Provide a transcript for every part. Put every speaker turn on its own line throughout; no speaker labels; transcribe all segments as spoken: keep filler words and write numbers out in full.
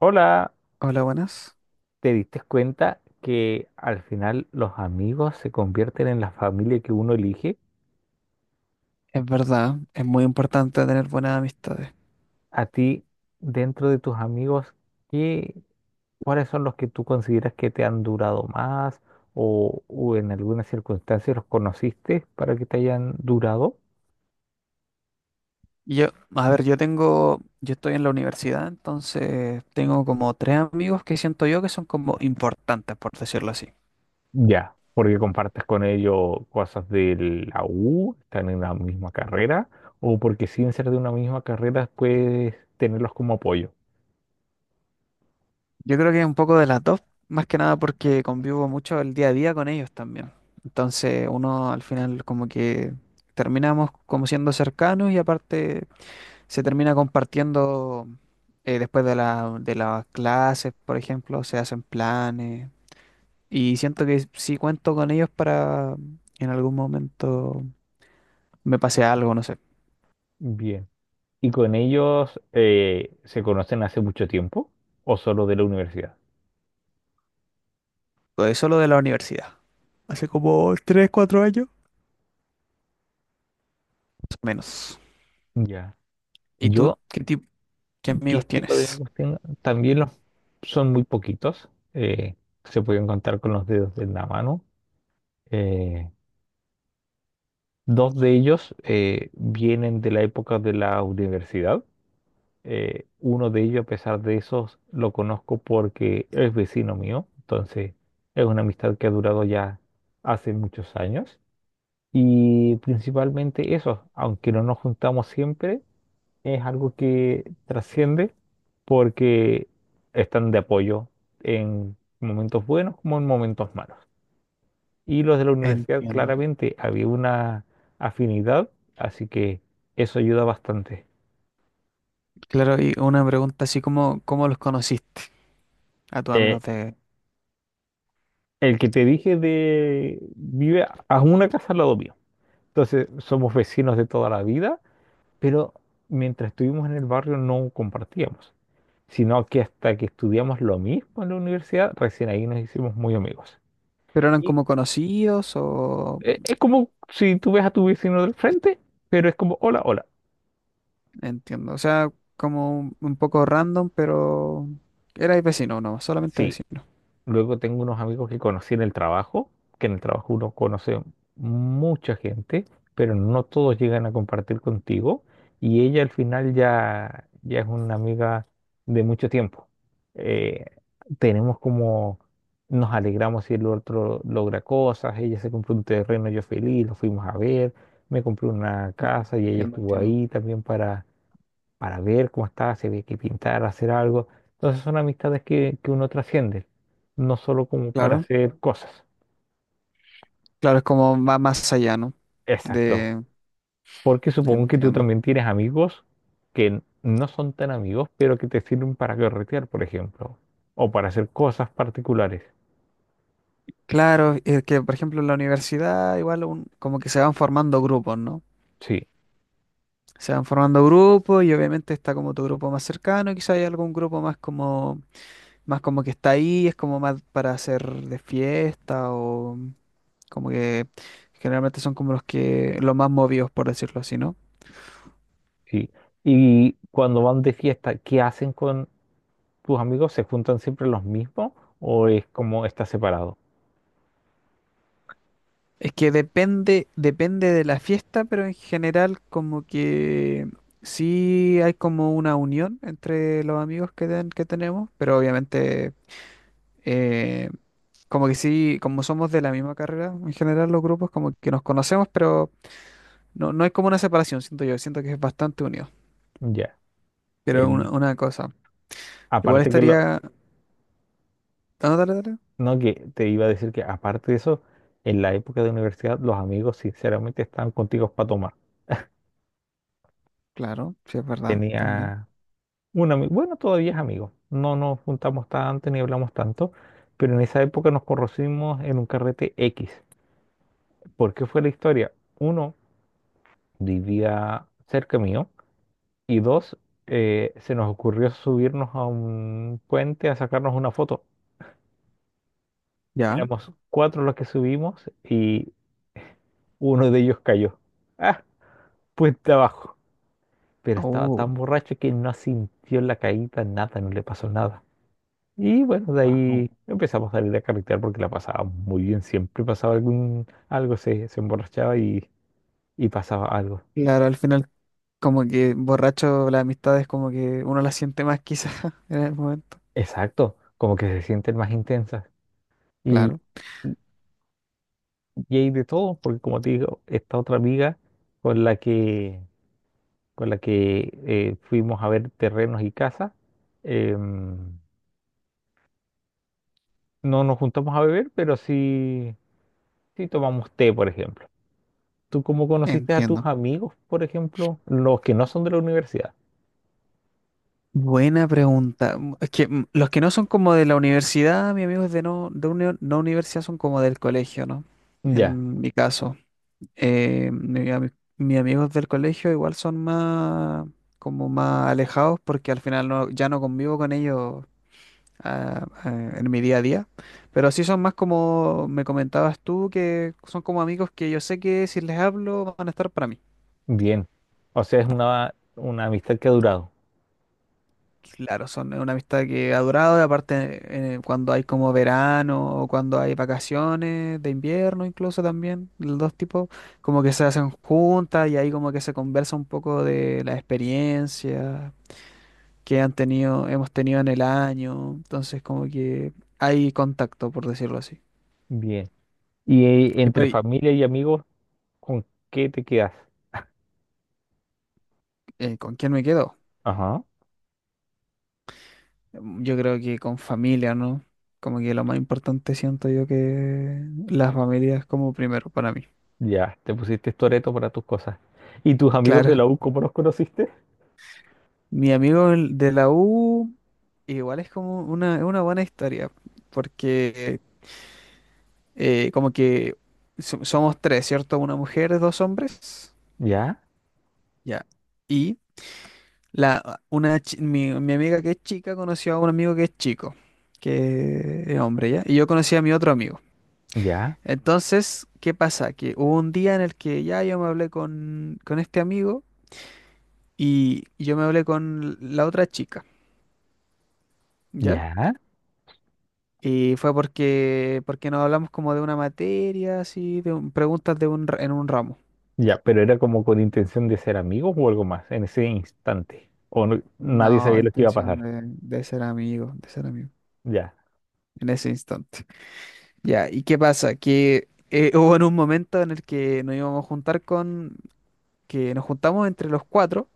Hola,
Hola, buenas.
¿te diste cuenta que al final los amigos se convierten en la familia que uno elige?
Es verdad, es muy importante tener buenas amistades.
A ti, dentro de tus amigos, ¿qué, ¿cuáles son los que tú consideras que te han durado más o, o en algunas circunstancias los conociste para que te hayan durado?
Yo, a ver, yo tengo, yo estoy en la universidad, entonces tengo como tres amigos que siento yo que son como importantes, por decirlo así.
Ya, porque compartes con ellos cosas de la U, están en la misma carrera, o porque sin ser de una misma carrera puedes tenerlos como apoyo.
Yo creo que es un poco de las dos, más que nada porque convivo mucho el día a día con ellos también. Entonces uno al final como que terminamos como siendo cercanos, y aparte se termina compartiendo eh, después de la, de las clases, por ejemplo, se hacen planes. Y siento que si cuento con ellos para, en algún momento me pase algo, no sé.
Bien. ¿Y con ellos eh, se conocen hace mucho tiempo o solo de la universidad?
Pues solo de la universidad. Hace como tres, cuatro años, más o menos.
Ya.
¿Y tú
Yo,
qué tipo, qué
¿qué
amigos
tipo de
tienes?
amigos tengo? También los son muy poquitos. eh, Se pueden contar con los dedos de la mano. Eh, Dos de ellos eh, vienen de la época de la universidad. Eh, uno de ellos, a pesar de eso, lo conozco porque es vecino mío. Entonces, es una amistad que ha durado ya hace muchos años. Y principalmente eso, aunque no nos juntamos siempre, es algo que trasciende porque están de apoyo en momentos buenos como en momentos malos. Y los de la universidad
Entiendo.
claramente había una afinidad, así que eso ayuda bastante.
Claro, y una pregunta así como, ¿cómo los conociste a tus
Eh,
amigos de...?
el que te dije de vive a una casa al lado mío. Entonces somos vecinos de toda la vida, pero mientras estuvimos en el barrio no compartíamos, sino que hasta que estudiamos lo mismo en la universidad, recién ahí nos hicimos muy amigos.
¿Pero eran
Y
como conocidos o...?
eh, es como si tú ves a tu vecino del frente, pero es como, hola, hola.
Entiendo. O sea, como un un poco random, pero... Erais vecino, no, solamente
Sí.
vecino.
Luego tengo unos amigos que conocí en el trabajo, que en el trabajo uno conoce mucha gente, pero no todos llegan a compartir contigo. Y ella al final ya, ya es una amiga de mucho tiempo. Eh, Tenemos como, nos alegramos si el otro logra cosas, ella se compró un terreno, yo feliz, lo fuimos a ver, me compré una casa y ella
Entiendo,
estuvo
entiendo.
ahí también para ver cómo está, si había que pintar, hacer algo. Entonces son amistades que, que uno trasciende, no solo como para
Claro.
hacer cosas.
Claro, es como va más allá, ¿no?
Exacto.
De,
Porque supongo que tú
entiendo.
también tienes amigos que no son tan amigos, pero que te sirven para carretear, por ejemplo, o para hacer cosas particulares.
Claro, es que por ejemplo en la universidad igual un- como que se van formando grupos, ¿no?
Sí,
Se van formando grupos y obviamente está como tu grupo más cercano, y quizá hay algún grupo más como, más como que está ahí, es como más para hacer de fiesta, o como que generalmente son como los que, los más movidos, por decirlo así, ¿no?
sí. Y cuando van de fiesta, ¿qué hacen con tus amigos? ¿Se juntan siempre los mismos o es como está separado?
Es que depende, depende de la fiesta, pero en general como que sí hay como una unión entre los amigos que, ten- que tenemos, pero obviamente eh, como que sí, como somos de la misma carrera, en general los grupos como que nos conocemos, pero no, no hay como una separación, siento yo, siento que es bastante unido.
Ya.
Pero una,
El-
una cosa, igual
aparte que lo-
estaría... Ah, no, dale, dale.
No, que te iba a decir que aparte de eso, en la época de universidad los amigos sinceramente estaban contigo para tomar.
Claro, sí, es verdad, también.
Tenía un amigo, bueno, todavía es amigo, no nos juntamos tanto ni hablamos tanto, pero en esa época nos conocimos en un carrete X. ¿Por qué fue la historia? Uno, vivía cerca mío y dos, eh, se nos ocurrió subirnos a un puente a sacarnos una foto.
Ya.
Éramos cuatro los que subimos y uno de ellos cayó. Ah, puente abajo, pero estaba
Oh,
tan borracho que no sintió la caída, nada, no le pasó nada. Y bueno, de
wow.
ahí empezamos a salir a carretear porque la pasaba muy bien, siempre pasaba algún, algo, se, se emborrachaba y, y pasaba algo.
Claro, al final, como que borracho, las amistades como que uno las siente más quizás en el momento.
Exacto, como que se sienten más intensas. Y,
Claro,
y y hay de todo, porque como te digo, esta otra amiga con la que, con la que eh, fuimos a ver terrenos y casas, em, no nos juntamos a beber, pero sí, sí tomamos té, por ejemplo. ¿Tú cómo conociste a tus
entiendo.
amigos, por ejemplo, los que no son de la universidad?
Buena pregunta. Mm, es que mm, los que no son como de la universidad, mis amigos de no, de uni- no universidad, son como del colegio, ¿no?
Ya,
En mi caso. Eh, mi ami- Mis amigos del colegio igual son más como más alejados, porque al final no, ya no convivo con ellos a- a- en mi día a día. Pero sí son más como me comentabas tú, que son como amigos que yo sé que si les hablo van a estar para mí.
bien. O sea, es una, una amistad que ha durado.
Claro, son una amistad que ha durado, y aparte eh, cuando hay como verano o cuando hay vacaciones de invierno incluso también, los dos tipos, como que se hacen juntas y ahí como que se conversa un poco de la experiencia que han tenido, hemos tenido en el año, entonces como que hay contacto, por decirlo así.
Bien. Y eh,
¿Y por
entre
ahí,
familia y amigos, ¿con qué te quedas?
eh, con quién me quedo?
Ajá,
Mm, yo creo que con familia, ¿no? Como que lo más importante, siento yo, que las familias como primero para mí.
ya, te pusiste Toreto para tus cosas. ¿Y tus amigos de
Claro,
la U, cómo los conociste?
mi amigo el- de la U igual es como una, es una buena historia, porque eh, como que so- somos tres, ¿cierto? Una mujer, dos hombres,
Ya,
ya. Y la, una, chi- mi, mi amiga que es chica conoció a un amigo que es chico, que es hombre, ¿ya? Y yo conocí a mi otro amigo.
ya,
Entonces, ¿qué pasa? Que hubo un día en el que ya yo me hablé con, con este amigo, y yo me hablé con la otra chica, ¿ya?
ya,
Y fue porque, porque nos hablamos como de una materia, así, de un- preguntas de un, ra- en un ramo.
ya, pero era como con intención de ser amigos o algo más en ese instante. O no- Nadie
No,
sabía lo que iba a
intención
pasar.
de, de ser amigo, de ser amigo,
Ya,
en ese instante. Ya, ¿y qué pasa? Que eh, hubo en un momento en el que nos íbamos a juntar con, que nos juntamos entre los cuatro.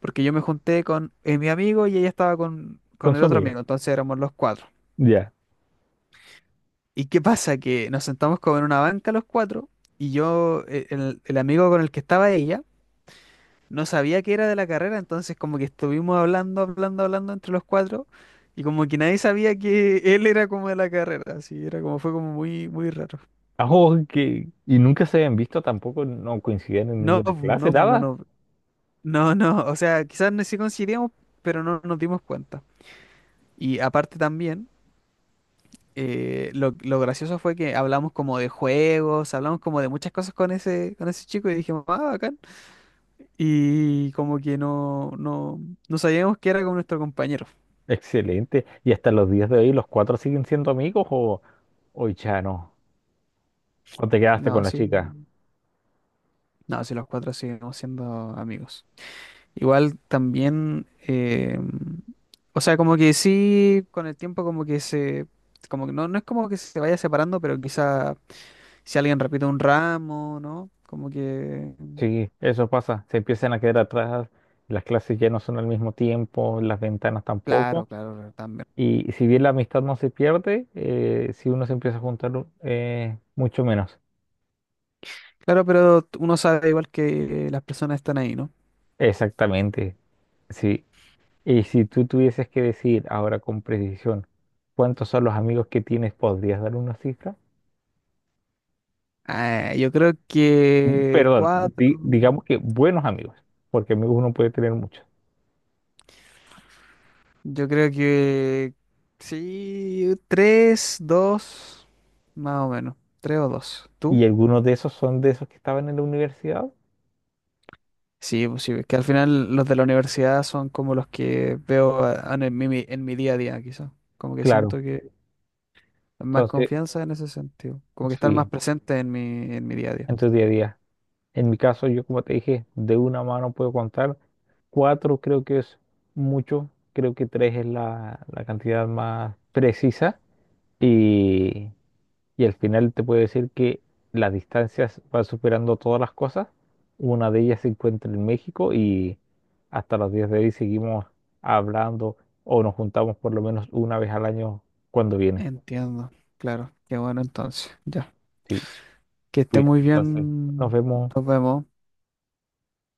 Porque yo me junté con eh, mi amigo, y ella estaba con,
con
con el
su
otro
amiga.
amigo, entonces éramos los cuatro.
Ya.
¿Y qué pasa? Que nos sentamos como en una banca los cuatro, y yo, eh, el, el amigo con el que estaba ella, no sabía que era de la carrera, entonces como que estuvimos hablando, hablando, hablando entre los cuatro, y como que nadie sabía que él era como de la carrera, así era como, fue como muy, muy raro.
Ajo, que, y nunca se habían visto tampoco, no coincidían en
No,
ninguna clase,
no, no,
nada.
no, no, no, o sea, quizás no, sí coincidíamos, pero no nos dimos cuenta. Y aparte también... eh, lo, lo gracioso fue que hablamos como de juegos, hablamos como de muchas cosas con ese, con ese chico, y dijimos, ah, bacán. Y como que no, no, no sabíamos que era con nuestro compañero.
Excelente. ¿Y hasta los días de hoy los cuatro siguen siendo amigos o, o ya no? ¿O te quedaste con
No,
la
sí,
chica?
no, sí, los cuatro seguimos siendo amigos. Igual también, eh, o sea, como que sí, con el tiempo como que se, como que no, no es como que se vaya separando, pero quizá si alguien repite un ramo, ¿no? Como que,
Sí, eso pasa. Se empiezan a quedar atrás, las clases ya no son al mismo tiempo, las ventanas tampoco.
claro, claro, claro, también.
Y si bien la amistad no se pierde, eh, si uno se empieza a juntar, eh, mucho menos.
Claro, pero uno sabe igual que las personas están ahí, ¿no?
Exactamente, sí. Y si tú tuvieses que decir ahora con precisión cuántos son los amigos que tienes, ¿podrías dar una cifra?
Ah, yo creo
Mm,
que
Perdón,
cuatro,
di- digamos que buenos amigos, porque amigos uno puede tener muchos.
yo creo que sí, tres, dos, más o menos, tres o dos. ¿Tú?
¿Y algunos de esos son de esos que estaban en la universidad?
Sí, pues sí, es que al final los de la universidad son como los que veo a- en mi, mi- en mi día a día, quizás. Como que
Claro,
siento que más
entonces,
confianza en ese sentido, como que están más
sí,
presentes en mi, en mi día a día.
en tu día a día. En mi caso, yo como te dije, de una mano puedo contar. Cuatro creo que es mucho, creo que tres es la, la cantidad más precisa. Y y al final te puede decir que las distancias van superando todas las cosas. Una de ellas se encuentra en México y hasta los días de hoy seguimos hablando o nos juntamos por lo menos una vez al año cuando viene.
Entiendo, claro, qué bueno entonces. Ya.
Sí,
Que esté
cuídate
muy
entonces. Nos
bien.
vemos.
Nos vemos.